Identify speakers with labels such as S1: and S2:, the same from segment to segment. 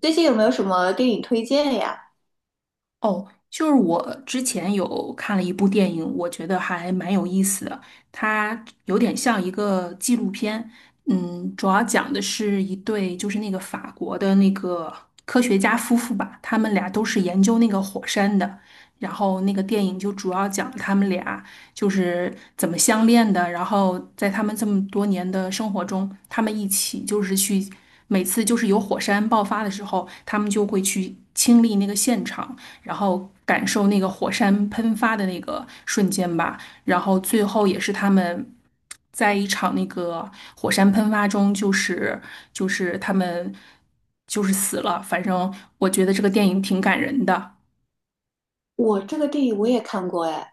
S1: 最近有没有什么电影推荐呀？
S2: 哦，就是我之前有看了一部电影，我觉得还蛮有意思的。它有点像一个纪录片，主要讲的是一对就是法国的科学家夫妇吧，他们俩都是研究那个火山的。然后那个电影就主要讲他们俩。就是怎么相恋的，然后在他们这么多年的生活中，他们一起就是去，每次就是有火山爆发的时候，他们就会去亲历那个现场，然后感受那个火山喷发的那个瞬间吧，然后最后也是他们。在一场那个火山喷发中，就是他们就是死了。反正我觉得这个电影挺感人的。
S1: 我这个电影我也看过哎。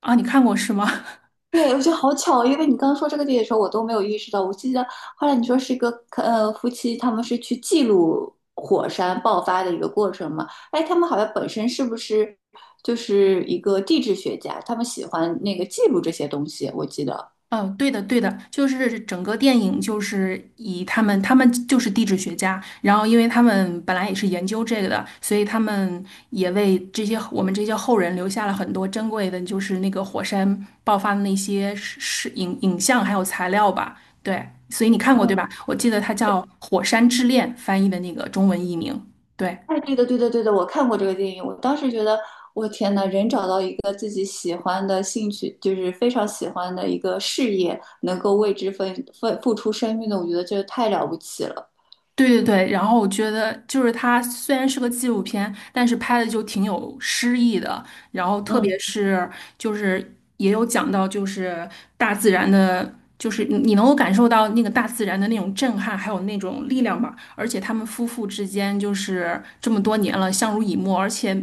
S2: 啊，你看过是吗？
S1: 对，我觉得好巧，因为你刚刚说这个电影的时候，我都没有意识到。我记得后来你说是一个夫妻，他们是去记录火山爆发的一个过程嘛？哎，他们好像本身是不是就是一个地质学家？他们喜欢那个记录这些东西，我记得。
S2: 哦，对的，对的，就是整个电影就是以他们，他们就是地质学家，然后因为他们本来也是研究这个的，所以他们也为这些我们这些后人留下了很多珍贵的，就是那个火山爆发的那些是影像还有材料吧。对，所以你看过对
S1: 嗯。
S2: 吧？我记得它叫《火山之恋》，翻译的那个中文译名。对。
S1: 哎，对的，对的，对的，我看过这个电影，我当时觉得，我天呐，人找到一个自己喜欢的兴趣，就是非常喜欢的一个事业，能够为之奋付出生命的，我觉得这太了不起了。
S2: 对对对，然后我觉得就是它虽然是个纪录片，但是拍的就挺有诗意的，然后特
S1: 嗯
S2: 别是就是也有讲到就是大自然的，就是你能够感受到那个大自然的那种震撼，还有那种力量吧。而且他们夫妇之间就是这么多年了相濡以沫，而且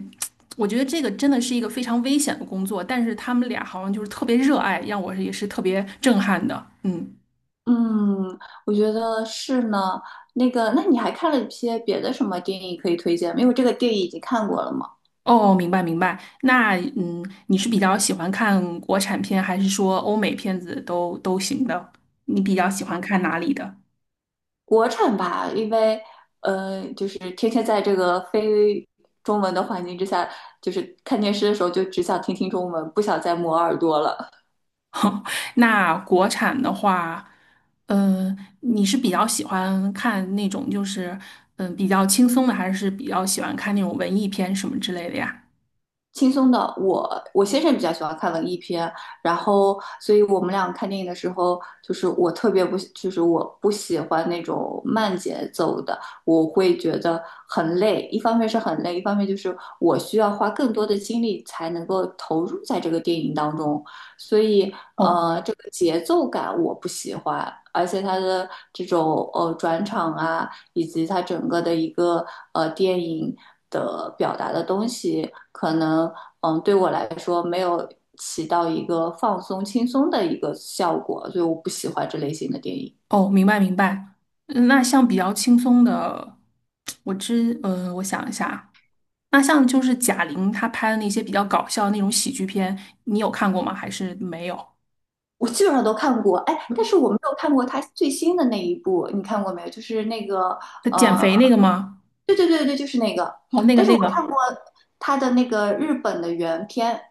S2: 我觉得这个真的是一个非常危险的工作，但是他们俩好像就是特别热爱，让我也是特别震撼的。嗯。
S1: 嗯，我觉得是呢。那个，那你还看了一些别的什么电影可以推荐吗？因为这个电影已经看过了嘛。
S2: 哦，明白明白。那你是比较喜欢看国产片，还是说欧美片子都行的？你比较喜欢看哪里的？
S1: 国产吧，因为就是天天在这个非中文的环境之下，就是看电视的时候就只想听听中文，不想再磨耳朵了。
S2: 那国产的话，你是比较喜欢看那种就是比较轻松的，还是比较喜欢看那种文艺片什么之类的呀？
S1: 轻松的，我先生比较喜欢看文艺片，然后所以我们俩看电影的时候，就是我特别不喜就是我不喜欢那种慢节奏的，我会觉得很累。一方面是很累，一方面就是我需要花更多的精力才能够投入在这个电影当中，所以
S2: 哦。
S1: 这个节奏感我不喜欢，而且它的这种转场啊。以及它整个的一个电影的表达的东西，可能嗯对我来说没有起到一个放松轻松的一个效果，所以我不喜欢这类型的电影。
S2: 哦，明白明白。嗯那像比较轻松的，我知嗯、呃我想一下。那像就是贾玲她拍的那些比较搞笑的那种喜剧片，你有看过吗？还是没有？
S1: 我基本上都看过，哎，但是我没有看过他最新的那一部，你看过没有？就是那个
S2: 她减
S1: 呃，
S2: 肥那个吗？
S1: 对对对对，就是那个，
S2: 哦，那个
S1: 但是
S2: 那
S1: 我
S2: 个，
S1: 看过他的那个日本的原片。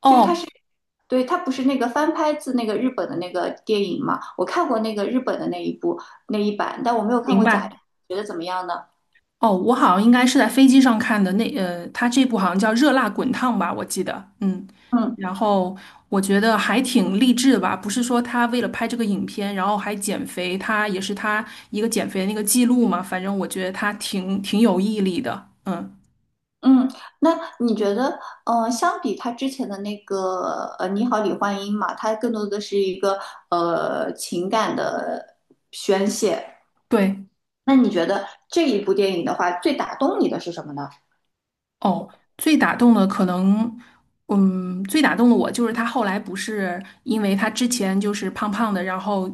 S2: 哦，
S1: 对，它不是那个翻拍自那个日本的那个电影嘛？我看过那个日本的那一部那一版，但我没有看
S2: 明
S1: 过假，
S2: 白。
S1: 觉得怎么样呢？
S2: 哦，我好像应该是在飞机上看的她这部好像叫《热辣滚烫》吧，我记得。嗯，
S1: 嗯
S2: 然后我觉得还挺励志的吧，不是说她为了拍这个影片，然后还减肥，她也是她一个减肥的那个记录嘛。反正我觉得她挺有毅力的。嗯，
S1: 嗯，那你觉得，相比他之前的那个《你好，李焕英》嘛，它更多的是一个情感的宣泄。
S2: 对。
S1: 那你觉得这一部电影的话，最打动你的是什么呢？
S2: 哦，最打动的可能，最打动的我就是他后来不是因为他之前就是胖胖的，然后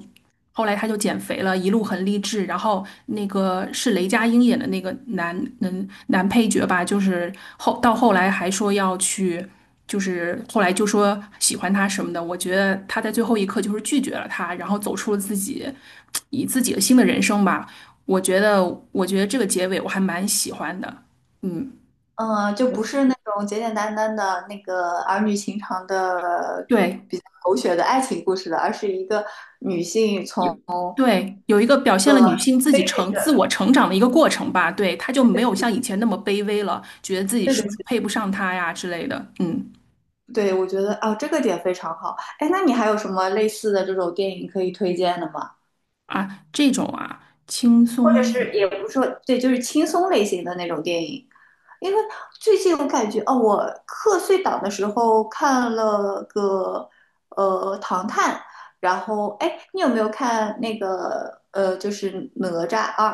S2: 后来他就减肥了，一路很励志。然后那个是雷佳音演的那个男配角吧，就是后到后来还说要去，就是后来就说喜欢他什么的。我觉得他在最后一刻就是拒绝了他，然后走出了自己以自己的新的人生吧。我觉得，我觉得这个结尾我还蛮喜欢的。嗯。
S1: 嗯，就不
S2: 我。
S1: 是那种简简单单的那个儿女情长的
S2: 对，
S1: 比较狗血的爱情故事了，而是一个女性
S2: 有
S1: 从
S2: 对有一个表现了女
S1: 对
S2: 性自己自我成长的一个过程吧，对，她就没有像以前那么卑微了，觉得自己是不
S1: 对
S2: 是配不上他呀之类的，嗯。
S1: 对，我觉得哦，这个点非常好。哎，那你还有什么类似的这种电影可以推荐的吗？
S2: 啊，这种啊轻
S1: 或者
S2: 松。
S1: 是也不是说对，就是轻松类型的那种电影。因为最近我感觉哦，我课碎档的时候看了个《唐探》，然后哎，你有没有看那个就是《哪吒二》？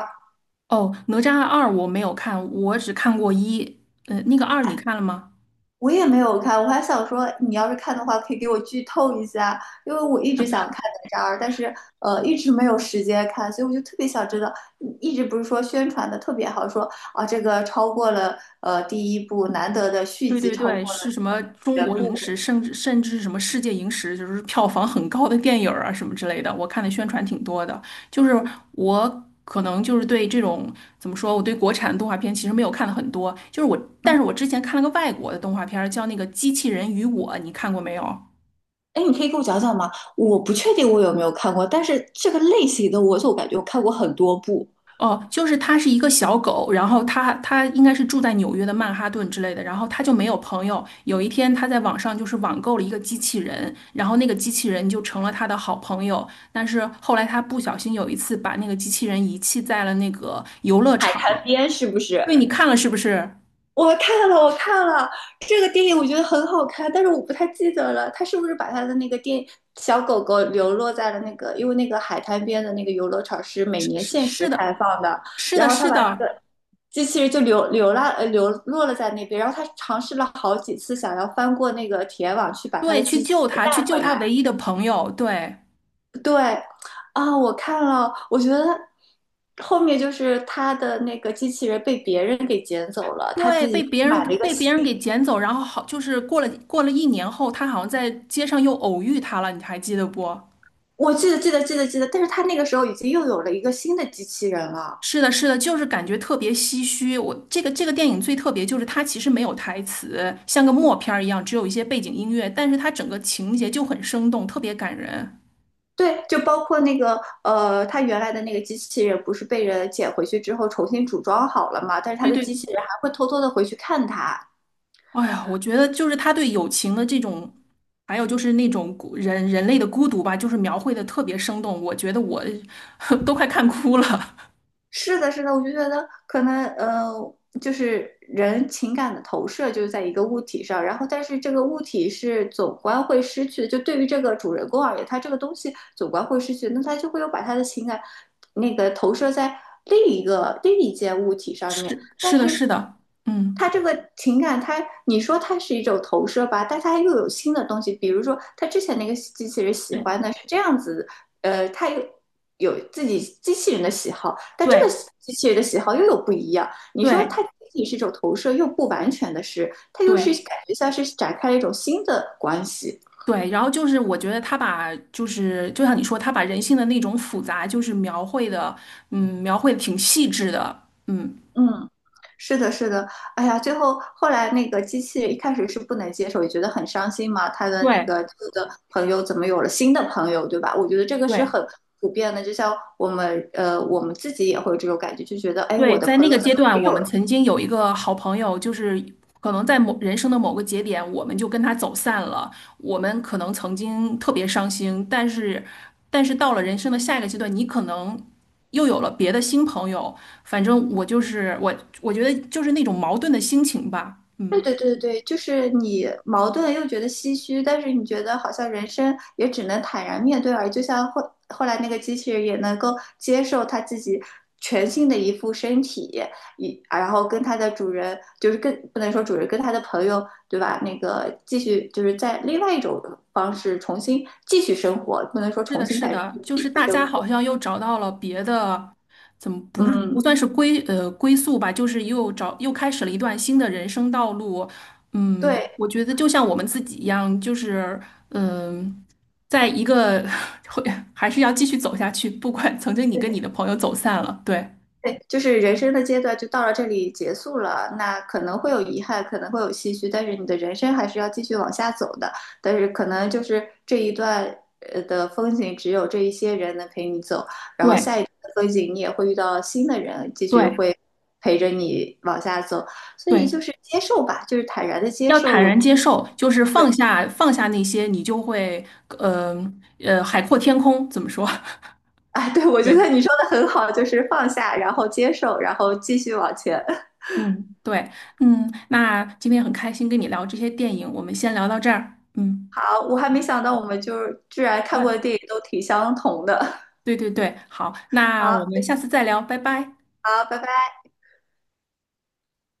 S2: 哦，《哪吒二》我没有看，我只看过一，那个二你看了吗？
S1: 我也没有看，我还想说，你要是看的话，可以给我剧透一下，因为我一直想看哪吒二，但是一直没有时间看，所以我就特别想知道。嗯一直不是说宣传的特别好，说啊这个超过了第一部，难得的续
S2: 对
S1: 集
S2: 对
S1: 超
S2: 对，
S1: 过了
S2: 是什么中
S1: 原
S2: 国影
S1: 部。
S2: 史，甚至什么世界影史，就是票房很高的电影儿啊什么之类的，我看的宣传挺多的。就是我可能就是对这种怎么说，我对国产动画片其实没有看的很多，就是我，
S1: 嗯，
S2: 但是我之前看了个外国的动画片儿叫那个《机器人与我》，你看过没有？
S1: 哎，你可以给我讲讲吗？我不确定我有没有看过，但是这个类型的我总感觉我看过很多部。
S2: 哦，就是它是一个小狗，然后它应该是住在纽约的曼哈顿之类的，然后它就没有朋友。有一天，它在网上就是网购了一个机器人，然后那个机器人就成了它的好朋友。但是后来它不小心有一次把那个机器人遗弃在了那个游乐场。
S1: 改编是不是？
S2: 对，你看了是不是？
S1: 我看了，我看了这个电影，我觉得很好看，但是我不太记得了，他是不是把他的那个小狗狗流落在了那个，因为那个海滩边的那个游乐场是每年限时
S2: 是
S1: 开
S2: 的，
S1: 放的，
S2: 是
S1: 然
S2: 的，
S1: 后他
S2: 是
S1: 把那个
S2: 的，
S1: 机器人就流落了在那边，然后他尝试了好几次想要翻过那个铁网去把他
S2: 对，
S1: 的
S2: 去
S1: 机器
S2: 救
S1: 人
S2: 它，去
S1: 带
S2: 救
S1: 回
S2: 它
S1: 来。
S2: 唯一的朋友，对。
S1: 对，啊，我看了，我觉得后面就是他的那个机器人被别人给捡走了，他自
S2: 对，
S1: 己买了一个
S2: 被别人
S1: 新
S2: 给捡走，然后好，就是过了一年后，他好像在街上又偶遇他了，你还记得不？
S1: 我记得记得记得记得，但是他那个时候已经又有了一个新的机器人了。
S2: 是的，是的，就是感觉特别唏嘘。我这个电影最特别就是它其实没有台词，像个默片儿一样，只有一些背景音乐，但是它整个情节就很生动，特别感人。
S1: 对，就包括那个他原来的那个机器人不是被人捡回去之后重新组装好了嘛？但是他
S2: 对
S1: 的机
S2: 对，
S1: 器人还会偷偷的回去看他。
S2: 哎呀，我觉得就是他对友情的这种，还有就是那种人类的孤独吧，就是描绘的特别生动，我觉得我 都快看哭了。
S1: 是的，是的，我就觉得可能就是人情感的投射就是在一个物体上，然后但是这个物体是总观会失去的，就对于这个主人公而言，他这个东西总观会失去，那他就会有把他的情感那个投射在另一件物体上面，
S2: 是
S1: 但
S2: 是的，
S1: 是
S2: 是的，嗯，
S1: 他这个情感，他你说它是一种投射吧，但它又有新的东西，比如说他之前那个机器人喜
S2: 对
S1: 欢的是这样子他有自己机器人的喜好，但这个
S2: 对
S1: 机器人的喜好又有不一样。你说
S2: 对
S1: 它仅仅是一种投射，又不完全的是，它又是
S2: 对
S1: 感觉像是展开了一种新的关系。
S2: 对，然后就是我觉得他把就是就像你说，他把人性的那种复杂，就是描绘的，嗯，描绘的挺细致的，嗯，
S1: 嗯，是的，是的。哎呀，最后后来那个机器人一开始是不能接受，也觉得很伤心嘛。他的那
S2: 对
S1: 个旧的朋友怎么有了新的朋友，对吧？我觉得这个是
S2: 对。
S1: 很普遍的，就像我们自己也会有这种感觉，就觉得，哎，我
S2: 对，
S1: 的
S2: 在
S1: 朋
S2: 那
S1: 友
S2: 个
S1: 怎
S2: 阶
S1: 么没
S2: 段，我
S1: 有
S2: 们曾经有一个好朋友，就是可能在某人生的某个节点，我们就跟他走散了。我们可能曾经特别伤心，但是，但是到了人生的下一个阶段，你可能又有了别的新朋友。反正我觉得就是那种矛盾的心情吧。
S1: 对
S2: 嗯。
S1: 对对对，就是你矛盾又觉得唏嘘，但是你觉得好像人生也只能坦然面对而已，就像后来那个机器人也能够接受它自己全新的一副身体，然后跟它的主人，就是跟不能说主人跟他的朋友，对吧？那个继续就是在另外一种方式重新继续生活，不能说
S2: 是
S1: 重
S2: 的，
S1: 新
S2: 是
S1: 改变，
S2: 的，就
S1: 继
S2: 是
S1: 续
S2: 大
S1: 生
S2: 家好
S1: 活。
S2: 像又找到了别的，怎么不是不
S1: 嗯，
S2: 算是归呃归宿吧，就是又开始了一段新的人生道路。嗯，
S1: 对。
S2: 我觉得就像我们自己一样，就是嗯、在一个 会还是要继续走下去，不管曾经你跟你的朋友走散了，对
S1: 对，就是人生的阶段就到了这里结束了，那可能会有遗憾，可能会有唏嘘，但是你的人生还是要继续往下走的。但是可能就是这一段的风景，只有这一些人能陪你走，
S2: 对
S1: 风景你也会遇到新的人，继续
S2: 对
S1: 会陪着你往下走。所以
S2: 对，
S1: 就是接受吧，就是坦然的接
S2: 要
S1: 受。
S2: 坦
S1: 我
S2: 然接受，就是
S1: 对，
S2: 放下那些，你就会呃海阔天空，怎么说？
S1: 啊，对，我觉得
S2: 对。
S1: 你说的很好，就是放下，然后接受，然后继续往前。
S2: 嗯，对，嗯，那今天很开心跟你聊这些电影，我们先聊到这儿。嗯，
S1: 好，我还
S2: 好，
S1: 没想到我们就是居然看过
S2: 问
S1: 的电影都挺相同的。
S2: 对对对，好，那
S1: 好
S2: 我们下次再聊，拜拜。
S1: 好，拜拜。